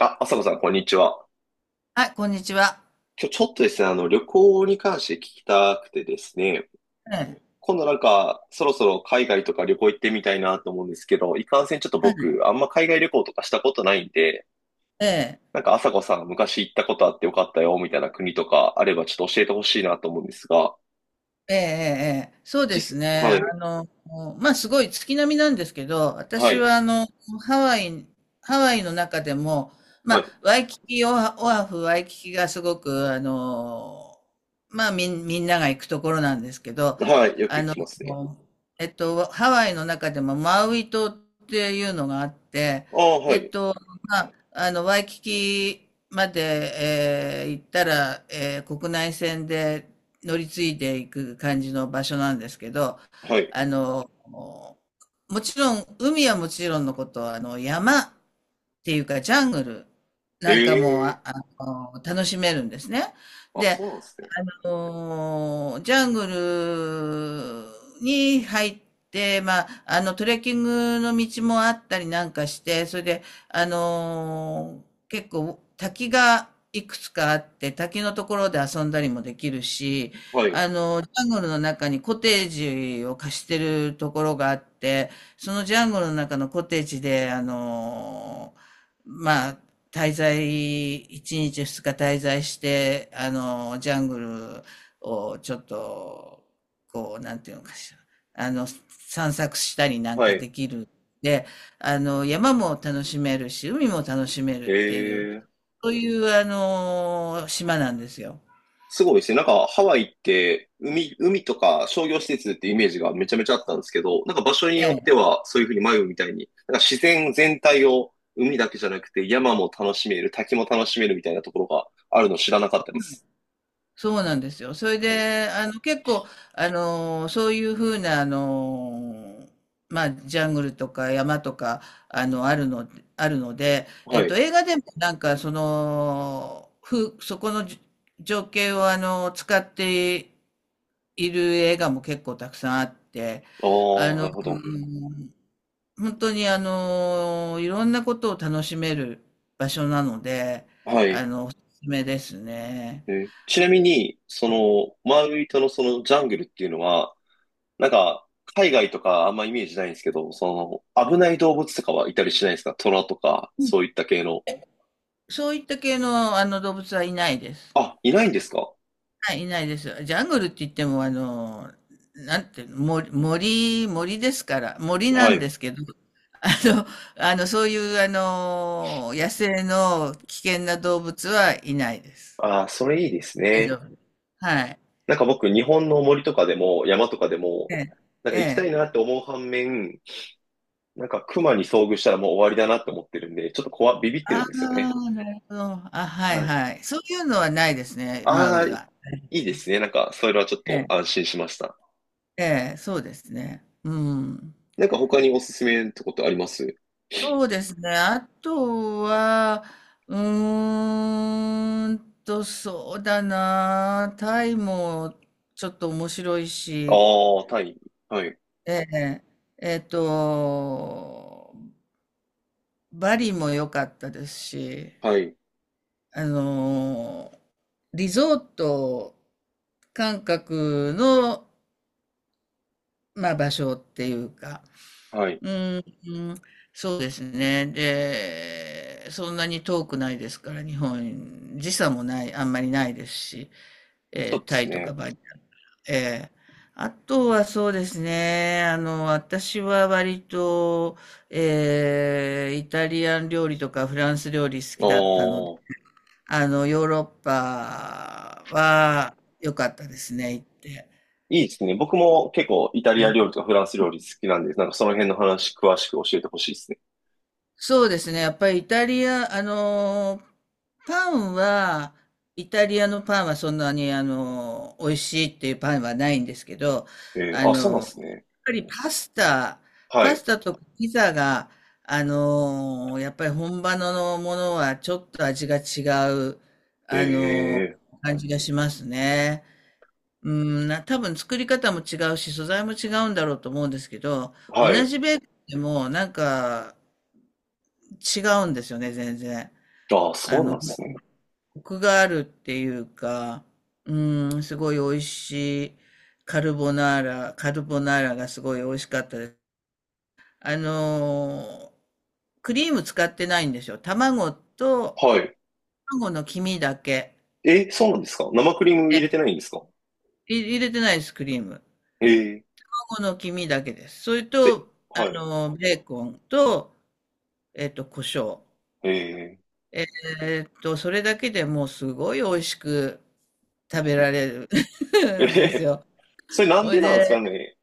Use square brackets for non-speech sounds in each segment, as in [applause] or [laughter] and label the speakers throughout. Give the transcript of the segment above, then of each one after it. Speaker 1: あ、朝子さん、こんにちは。
Speaker 2: はい、こんにちは。
Speaker 1: 今日ちょっとですね、旅行に関して聞きたくてですね、
Speaker 2: ええ、
Speaker 1: 今度そろそろ海外とか旅行行ってみたいなと思うんですけど、いかんせんちょっと
Speaker 2: はい
Speaker 1: 僕、あんま海外旅行とかしたことないんで、
Speaker 2: ええ。
Speaker 1: なんか朝子さん、昔行ったことあってよかったよ、みたいな国とかあればちょっと教えてほしいなと思うんですが、
Speaker 2: ええええええ。そうで
Speaker 1: 実、
Speaker 2: すね。
Speaker 1: はい、
Speaker 2: すごい月並みなんですけど、
Speaker 1: は
Speaker 2: 私
Speaker 1: い、
Speaker 2: はハワイハワイの中でも、
Speaker 1: はい、
Speaker 2: ワイキキ、オアフ、ワイキキがすごくみんなが行くところなんですけど、
Speaker 1: はい、よく
Speaker 2: あ
Speaker 1: 聞
Speaker 2: の、
Speaker 1: きますね。
Speaker 2: ハワイの中でもマウイ島っていうのがあって、
Speaker 1: ああ、は
Speaker 2: えっ
Speaker 1: い、
Speaker 2: と、ワイキキまで、行ったら、国内線で乗り継いでいく感じの場所なんですけど、
Speaker 1: はい。
Speaker 2: あの、もちろん、海はもちろんのこと、山っていうかジャングル
Speaker 1: え
Speaker 2: なんかも、
Speaker 1: え
Speaker 2: 楽しめるんですね。
Speaker 1: ー、あ、
Speaker 2: で、
Speaker 1: そうなんですね。
Speaker 2: あジャングルに入って、トレッキングの道もあったりなんかして、それで、結構滝がいくつかあって、滝のところで遊んだりもできるし、
Speaker 1: はい、
Speaker 2: ジャングルの中にコテージを貸してるところがあって、そのジャングルの中のコテージで、まあ、一日二日滞在して、ジャングルをちょっと、なんていうのかしら、あの、散策したりなん
Speaker 1: は
Speaker 2: か
Speaker 1: い、
Speaker 2: できる。で、山も楽しめるし、海も楽しめるっていう、
Speaker 1: ええ、
Speaker 2: そういう、島なんですよ。
Speaker 1: すごいですね。なんかハワイって海、海とか商業施設ってイメージがめちゃめちゃあったんですけど、なんか場所によっ
Speaker 2: え
Speaker 1: て
Speaker 2: え
Speaker 1: はそういうふうに迷うみたいに、なんか自然全体を海だけじゃなくて山も楽しめる、滝も楽しめるみたいなところがあるの知らなかったです。
Speaker 2: そうなんですよ。それ
Speaker 1: はい。
Speaker 2: で、結構、そういうふうな、ジャングルとか山とか、あの、あるの、あるので、
Speaker 1: はい。あ
Speaker 2: 映画でもなんか、そこの情景を、使っている映画も結構たくさんあって、
Speaker 1: あ、
Speaker 2: あ
Speaker 1: な
Speaker 2: の、う
Speaker 1: るほど。
Speaker 2: ん本当に、いろんなことを楽しめる場所なので、
Speaker 1: はい。
Speaker 2: おすすめですね。
Speaker 1: えー、ちなみに、その、マウイ島のそのジャングルっていうのは、なんか、海外とかあんまイメージないんですけど、その、危ない動物とかはいたりしないですか？トラとか、そういった系の。
Speaker 2: そういった系の、動物はいないです。
Speaker 1: あ、いないんですか？
Speaker 2: はい、いないです。ジャングルって言っても、なんていうの、森、森、森ですから、森な
Speaker 1: は
Speaker 2: ん
Speaker 1: い。
Speaker 2: ですけど、[laughs] あの、そういう、野生の危険な動物はいないです。
Speaker 1: ああ、それいいです
Speaker 2: 大丈
Speaker 1: ね。
Speaker 2: 夫。はい。
Speaker 1: なんか僕、日本の森とかでも、山とかでも、
Speaker 2: ええ、
Speaker 1: なん
Speaker 2: え
Speaker 1: か行きたい
Speaker 2: え。
Speaker 1: なって思う反面、なんか熊に遭遇したらもう終わりだなって思ってるんで、ちょっと怖、ビビってる
Speaker 2: あ
Speaker 1: んですよね。
Speaker 2: あ、なるほど。あ、はい
Speaker 1: はい。
Speaker 2: はい。そういうのはないですね、マウ
Speaker 1: ああ、
Speaker 2: イ
Speaker 1: い
Speaker 2: は。
Speaker 1: いですね。なんか、それはちょっ
Speaker 2: え
Speaker 1: と安
Speaker 2: え、
Speaker 1: 心しました。
Speaker 2: ええ、そうですね。うん。
Speaker 1: なんか他におすすめってことあります？
Speaker 2: そうですね。あとは、うーんそうだな。タイもちょっと面白いし、
Speaker 1: ああ、タイ。はい。
Speaker 2: ええ、えっと、バリも良かったですし、
Speaker 1: はい。
Speaker 2: あの、リゾート感覚の、場所っていうか、
Speaker 1: はい。
Speaker 2: うーうん、そうですね。で、そんなに遠くないですから、日本、時差もない、あんまりないですし、
Speaker 1: そうで
Speaker 2: タ
Speaker 1: す
Speaker 2: イとか
Speaker 1: ね。
Speaker 2: バリ。ええ、あとはそうですね、私は割と、イタリアン料理とかフランス料理好きだったので、
Speaker 1: ああ、
Speaker 2: ヨーロッパは良かったですね、行って。
Speaker 1: いいですね。僕も結構イタリア料理とかフランス料理好きなんで、なんかその辺の話詳しく教えてほしいですね。
Speaker 2: そうですね。やっぱりイタリア、パンは、イタリアのパンはそんなに、美味しいっていうパンはないんですけど、
Speaker 1: えー、あ、そうなんです
Speaker 2: やっ
Speaker 1: ね。
Speaker 2: ぱり
Speaker 1: は
Speaker 2: パ
Speaker 1: い。
Speaker 2: スタとピザが、やっぱり本場のものはちょっと味が違う、
Speaker 1: え
Speaker 2: あのー
Speaker 1: え、
Speaker 2: 感じがしますね。うん、多分作り方も違うし、素材も違うんだろうと思うんですけど、同
Speaker 1: はい。
Speaker 2: じベーコンでも、なんか、違うんですよね、全然。
Speaker 1: ああ、そうなんですね。
Speaker 2: コクがあるっていうか、うん、すごい美味しいカルボナーラ、カルボナーラがすごい美味しかったです。あのークリーム使ってないんですよ。
Speaker 1: はい。
Speaker 2: 卵の黄身だけ。
Speaker 1: え、そうなんですか？生クリーム入れて
Speaker 2: え
Speaker 1: ないんですか？
Speaker 2: 入れてないです、クリーム。
Speaker 1: ええ、
Speaker 2: 卵の黄身だけです。それ
Speaker 1: それ、
Speaker 2: と、
Speaker 1: はい。
Speaker 2: ベーコンと、胡椒。
Speaker 1: え
Speaker 2: えそれだけでもうすごい美味しく食べられ
Speaker 1: え、
Speaker 2: る [laughs] んです
Speaker 1: え、
Speaker 2: よ。
Speaker 1: [laughs] それなん
Speaker 2: ほ
Speaker 1: で
Speaker 2: い
Speaker 1: なんですか
Speaker 2: で、
Speaker 1: ね？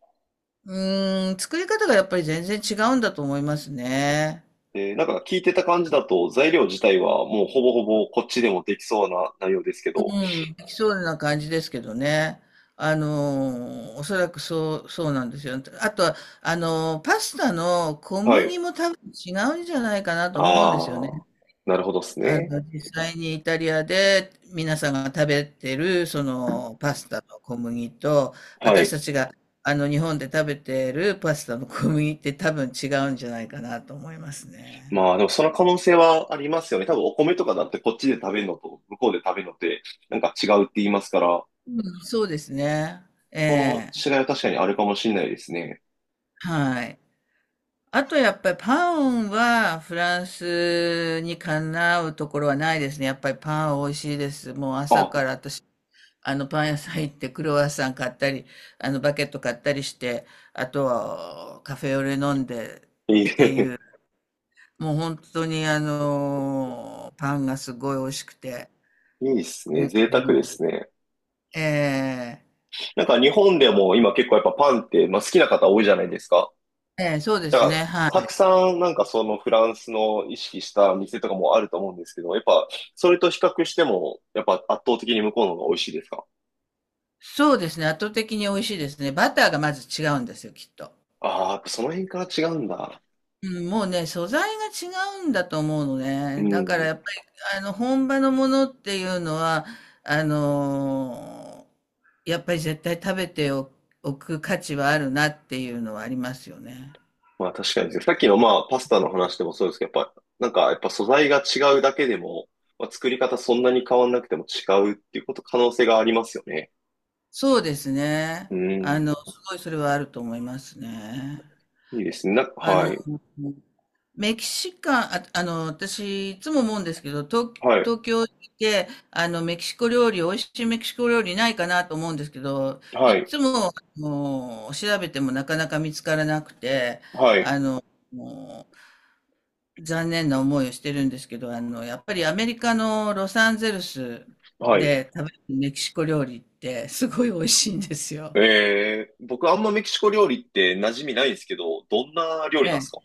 Speaker 2: う作り方がやっぱり全然違うんだと思いますね。
Speaker 1: えー、なんか聞いてた感じだと材料自体はもうほぼほぼこっちでもできそうな内容ですけど。
Speaker 2: うん、できそうな感じですけどね。おそらくそうなんですよ。あとは、パスタの小
Speaker 1: はい。
Speaker 2: 麦も多分違うんじゃないかなと思うんですよ
Speaker 1: あ
Speaker 2: ね。
Speaker 1: あ、なるほどですね。
Speaker 2: 実際にイタリアで皆さんが食べてる、パスタの小麦と、
Speaker 1: は
Speaker 2: 私
Speaker 1: い。
Speaker 2: たちが、日本で食べてるパスタの小麦って多分違うんじゃないかなと思いますね。
Speaker 1: まあでもその可能性はありますよね。多分お米とかだってこっちで食べるのと向こうで食べるのってなんか違うって言いますから、
Speaker 2: うん、そうですね。え
Speaker 1: その
Speaker 2: え。
Speaker 1: 違いは確かにあるかもしれないですね。
Speaker 2: はい。あとやっぱりパンはフランスにかなうところはないですね。やっぱりパン美味しいです。もう朝
Speaker 1: あ、
Speaker 2: から私パン屋さん行ってクロワッサン買ったり、バケット買ったりして、あとはカフェオレ飲んで、
Speaker 1: いい、[laughs]
Speaker 2: もう本当にパンがすごい美味しくて。
Speaker 1: いいっすね。贅沢ですね。
Speaker 2: ええ
Speaker 1: なんか日本でも今結構やっぱパンって、まあ、好きな方多いじゃないですか。
Speaker 2: ええそうで
Speaker 1: だか
Speaker 2: す
Speaker 1: ら、
Speaker 2: ね。は
Speaker 1: たく
Speaker 2: い。
Speaker 1: さんなんかそのフランスの意識した店とかもあると思うんですけど、やっぱそれと比較しても、やっぱ圧倒的に向こうの方が美味しいですか？
Speaker 2: そうですね。圧倒的に美味しいですね。バターがまず違うんですよ、きっと。
Speaker 1: ああー、やっぱその辺から違うんだ。
Speaker 2: うん、もうね、素材が違うんだと思うの
Speaker 1: う
Speaker 2: ね。だから
Speaker 1: ん。
Speaker 2: やっぱり、本場のものっていうのは、あのやっぱり絶対食べておく価値はあるなっていうのはありますよね。
Speaker 1: まあ確かにですね。さっきのまあパスタの話でもそうですけど、やっぱなんかやっぱ素材が違うだけでも、まあ、作り方そんなに変わんなくても違うっていうこと可能性がありますよね。
Speaker 2: そうですね。
Speaker 1: うん。
Speaker 2: すごいそれはあると思いますね。
Speaker 1: いいですね。な、
Speaker 2: あ
Speaker 1: は
Speaker 2: の、
Speaker 1: い。
Speaker 2: メキシカン、私、いつも思うんですけど、
Speaker 1: はい。
Speaker 2: 東京にいて、メキシコ料理、美味しいメキシコ料理ないかなと思うんですけど、
Speaker 1: は
Speaker 2: い
Speaker 1: い。
Speaker 2: つも、調べてもなかなか見つからなくて、
Speaker 1: はい。
Speaker 2: あの、もう残念な思いをしてるんですけど、やっぱりアメリカのロサンゼルス
Speaker 1: はい。
Speaker 2: で食べるメキシコ料理ってすごい美味しいんですよ。
Speaker 1: えー、僕あんまメキシコ料理って馴染みないんですけど、どんな料理なんですか？
Speaker 2: え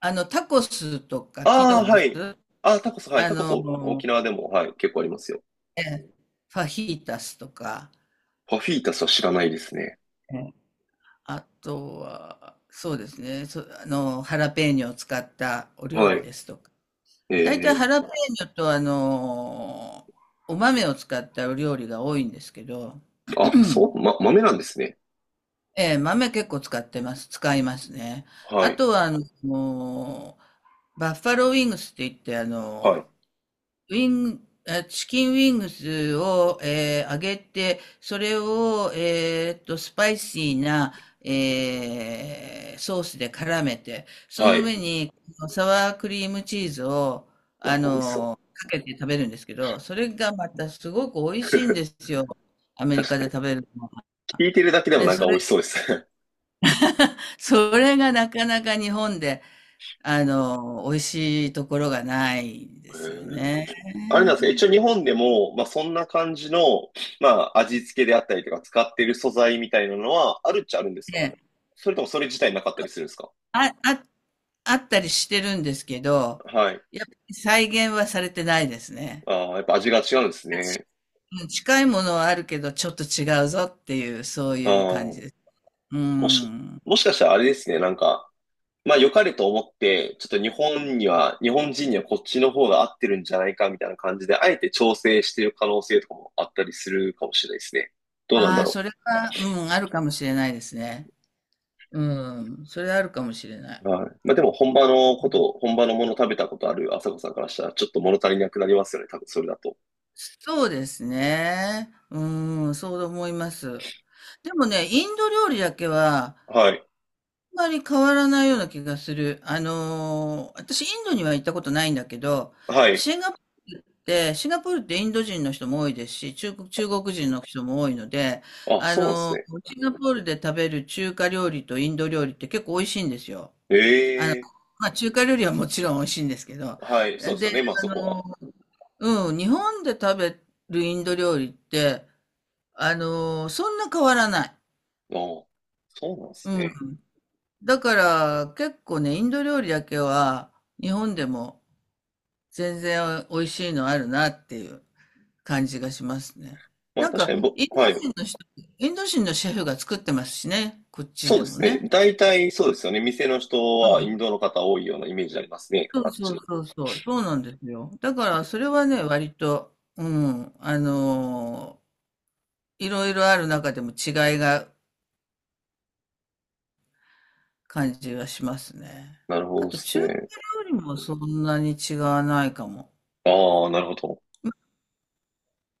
Speaker 2: タコスとか聞いた
Speaker 1: あ
Speaker 2: ことあ
Speaker 1: あ
Speaker 2: り
Speaker 1: ー、
Speaker 2: ま
Speaker 1: は
Speaker 2: す？
Speaker 1: い。あー、タコス、はい。
Speaker 2: あ
Speaker 1: タコス、お
Speaker 2: の、
Speaker 1: 沖縄でも、はい。結構ありますよ。
Speaker 2: ええ、ファヒータスとか、
Speaker 1: パフィータスは知らないですね。
Speaker 2: ええ。あとは、そうですね、ハラペーニョを使ったお料
Speaker 1: は
Speaker 2: 理
Speaker 1: い。
Speaker 2: ですとか。
Speaker 1: え
Speaker 2: 大体
Speaker 1: ー、
Speaker 2: ハラペーニョとお豆を使ったお料理が多いんですけど、う
Speaker 1: あ、そ
Speaker 2: ん
Speaker 1: う、ま、豆なんですね。
Speaker 2: ええ、豆結構使ってます。使いますね。
Speaker 1: は
Speaker 2: あ
Speaker 1: い。
Speaker 2: とは、もうバッファローウィングスって言って、
Speaker 1: はい。
Speaker 2: ウィン、チキンウィングスを、揚げて、それを、スパイシーな、ソースで絡めて、そ
Speaker 1: は
Speaker 2: の
Speaker 1: い。
Speaker 2: 上にサワークリームチーズを、
Speaker 1: なるほど、美味しそう。
Speaker 2: かけて食べるんですけど、それがまたすごく美味しいんですよ。アメリ
Speaker 1: 確
Speaker 2: カ
Speaker 1: か
Speaker 2: で
Speaker 1: に。
Speaker 2: 食べるのは。
Speaker 1: 聞いてるだけでも
Speaker 2: で、
Speaker 1: なんか美味しそうですね。
Speaker 2: それがなかなか日本で、美味しいところがないん
Speaker 1: [laughs] え
Speaker 2: ですよ
Speaker 1: ー、
Speaker 2: ね。
Speaker 1: あれなんですか、一応日本でも、まあ、そんな感じの、まあ、味付けであったりとか使ってる素材みたいなのはあるっちゃあるんですか？それともそれ自体なかったりするんですか？
Speaker 2: あ、あ、あったりしてるんですけど、
Speaker 1: はい。
Speaker 2: やっぱり再現はされてないですね。
Speaker 1: ああ、やっぱ味が違うんですね。
Speaker 2: うん、近いものはあるけど、ちょっと違うぞっていう、そうい
Speaker 1: あ
Speaker 2: う感じで
Speaker 1: あ、
Speaker 2: す。う
Speaker 1: もし、
Speaker 2: ん。
Speaker 1: もしかしたらあれですね、なんか、まあ良かれと思って、ちょっと日本には、日本人にはこっちの方が合ってるんじゃないかみたいな感じで、あえて調整してる可能性とかもあったりするかもしれないですね。どうなんだ
Speaker 2: ああ、
Speaker 1: ろ
Speaker 2: そ
Speaker 1: う。
Speaker 2: れは、うん、あるかもしれないですね。うん、それあるかもしれない。
Speaker 1: はい。まあでも本場のこと、本場のもの食べたことある朝子さんからしたらちょっと物足りなくなりますよね。多分それだと。
Speaker 2: そうですね。うん、そう思います。でもね、インド料理だけは、
Speaker 1: はい。
Speaker 2: あんまり変わらないような気がする。私インドには行ったことないんだけど、
Speaker 1: はい。
Speaker 2: シンガポーシンガポールってインド人の人も多いですし、中国人の人も多いので、
Speaker 1: あ、
Speaker 2: あ
Speaker 1: そうなんです
Speaker 2: の、
Speaker 1: ね。
Speaker 2: シンガポールで食べる中華料理とインド料理って結構美味しいんですよ。
Speaker 1: え
Speaker 2: あの、
Speaker 1: え、
Speaker 2: 中華料理はもちろん美味しいんですけど、
Speaker 1: はい。そうです
Speaker 2: で、
Speaker 1: よね。まあ
Speaker 2: あ
Speaker 1: そこは。
Speaker 2: の、うん、日本で食べるインド料理って、そんな変わらない。
Speaker 1: ああ、そうなんです
Speaker 2: うん、
Speaker 1: ね。
Speaker 2: だから結構ね、インド料理だけは日本でも全然美味しいのあるなっていう感じがしますね。
Speaker 1: まあ
Speaker 2: なん
Speaker 1: 確
Speaker 2: か
Speaker 1: かにぼ、はい。
Speaker 2: インド人のシェフが作ってますしね、こっち
Speaker 1: そう
Speaker 2: で
Speaker 1: で
Speaker 2: も
Speaker 1: す
Speaker 2: ね。
Speaker 1: ね。大体そうですよね。店の人
Speaker 2: う
Speaker 1: はインド
Speaker 2: ん
Speaker 1: の方多いようなイメージありますね。
Speaker 2: そ
Speaker 1: あ
Speaker 2: う
Speaker 1: っ
Speaker 2: そう
Speaker 1: ち。
Speaker 2: そうそう、そうなんですよ。だからそれはね、割と、うん、いろいろある中でも違いが感じがしますね。
Speaker 1: なるほ
Speaker 2: あ
Speaker 1: どで
Speaker 2: と
Speaker 1: す
Speaker 2: 中華
Speaker 1: ね。
Speaker 2: 料理もそんなに違わないかも。
Speaker 1: ああ、なるほど。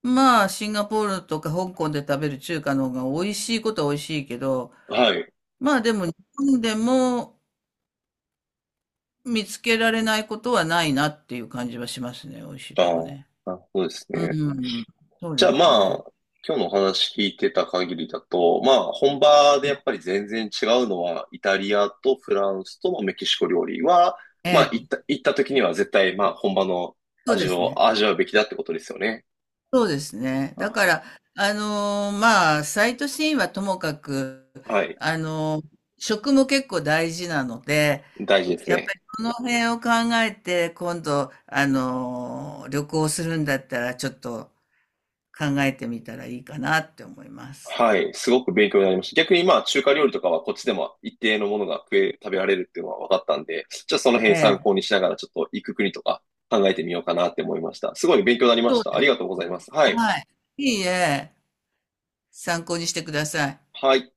Speaker 2: まあ、シンガポールとか香港で食べる中華の方が美味しいことは美味しいけど、
Speaker 1: はい。
Speaker 2: まあでも日本でも見つけられないことはないなっていう感じはしますね。美味しい
Speaker 1: あ
Speaker 2: と
Speaker 1: あ、
Speaker 2: こね。
Speaker 1: なるほどです
Speaker 2: う
Speaker 1: ね。
Speaker 2: ん。そう
Speaker 1: じゃ
Speaker 2: で
Speaker 1: あ
Speaker 2: す
Speaker 1: ま
Speaker 2: ね。
Speaker 1: あ、今日のお話聞いてた限りだと、まあ本場でやっぱり全然違うのは、イタリアとフランスとメキシコ料理は、
Speaker 2: え
Speaker 1: まあ行っ
Speaker 2: え、
Speaker 1: た、行った時には絶対まあ本場の
Speaker 2: そう
Speaker 1: 味
Speaker 2: です
Speaker 1: を
Speaker 2: ね。
Speaker 1: 味わうべきだってことですよね。
Speaker 2: そうですね。だ
Speaker 1: あ、
Speaker 2: から、サイトシーンはともかく、
Speaker 1: はい。
Speaker 2: 食も結構大事なので、
Speaker 1: 大事です
Speaker 2: やっぱ
Speaker 1: ね。
Speaker 2: りその辺を考えて、今度、旅行するんだったら、ちょっと、考えてみたらいいかなって思います。
Speaker 1: はい。すごく勉強になりました。逆にまあ中華料理とかはこっちでも一定のものが食え、食べられるっていうのは分かったんで、じゃあその
Speaker 2: え
Speaker 1: 辺参
Speaker 2: え、
Speaker 1: 考にしながらちょっと行く国とか考えてみようかなって思いました。すごい勉強になりま
Speaker 2: そ
Speaker 1: し
Speaker 2: う
Speaker 1: た。あ
Speaker 2: で
Speaker 1: り
Speaker 2: す
Speaker 1: がとうございま
Speaker 2: ね。
Speaker 1: す。はい。
Speaker 2: はい。いいえ、参考にしてください。
Speaker 1: はい。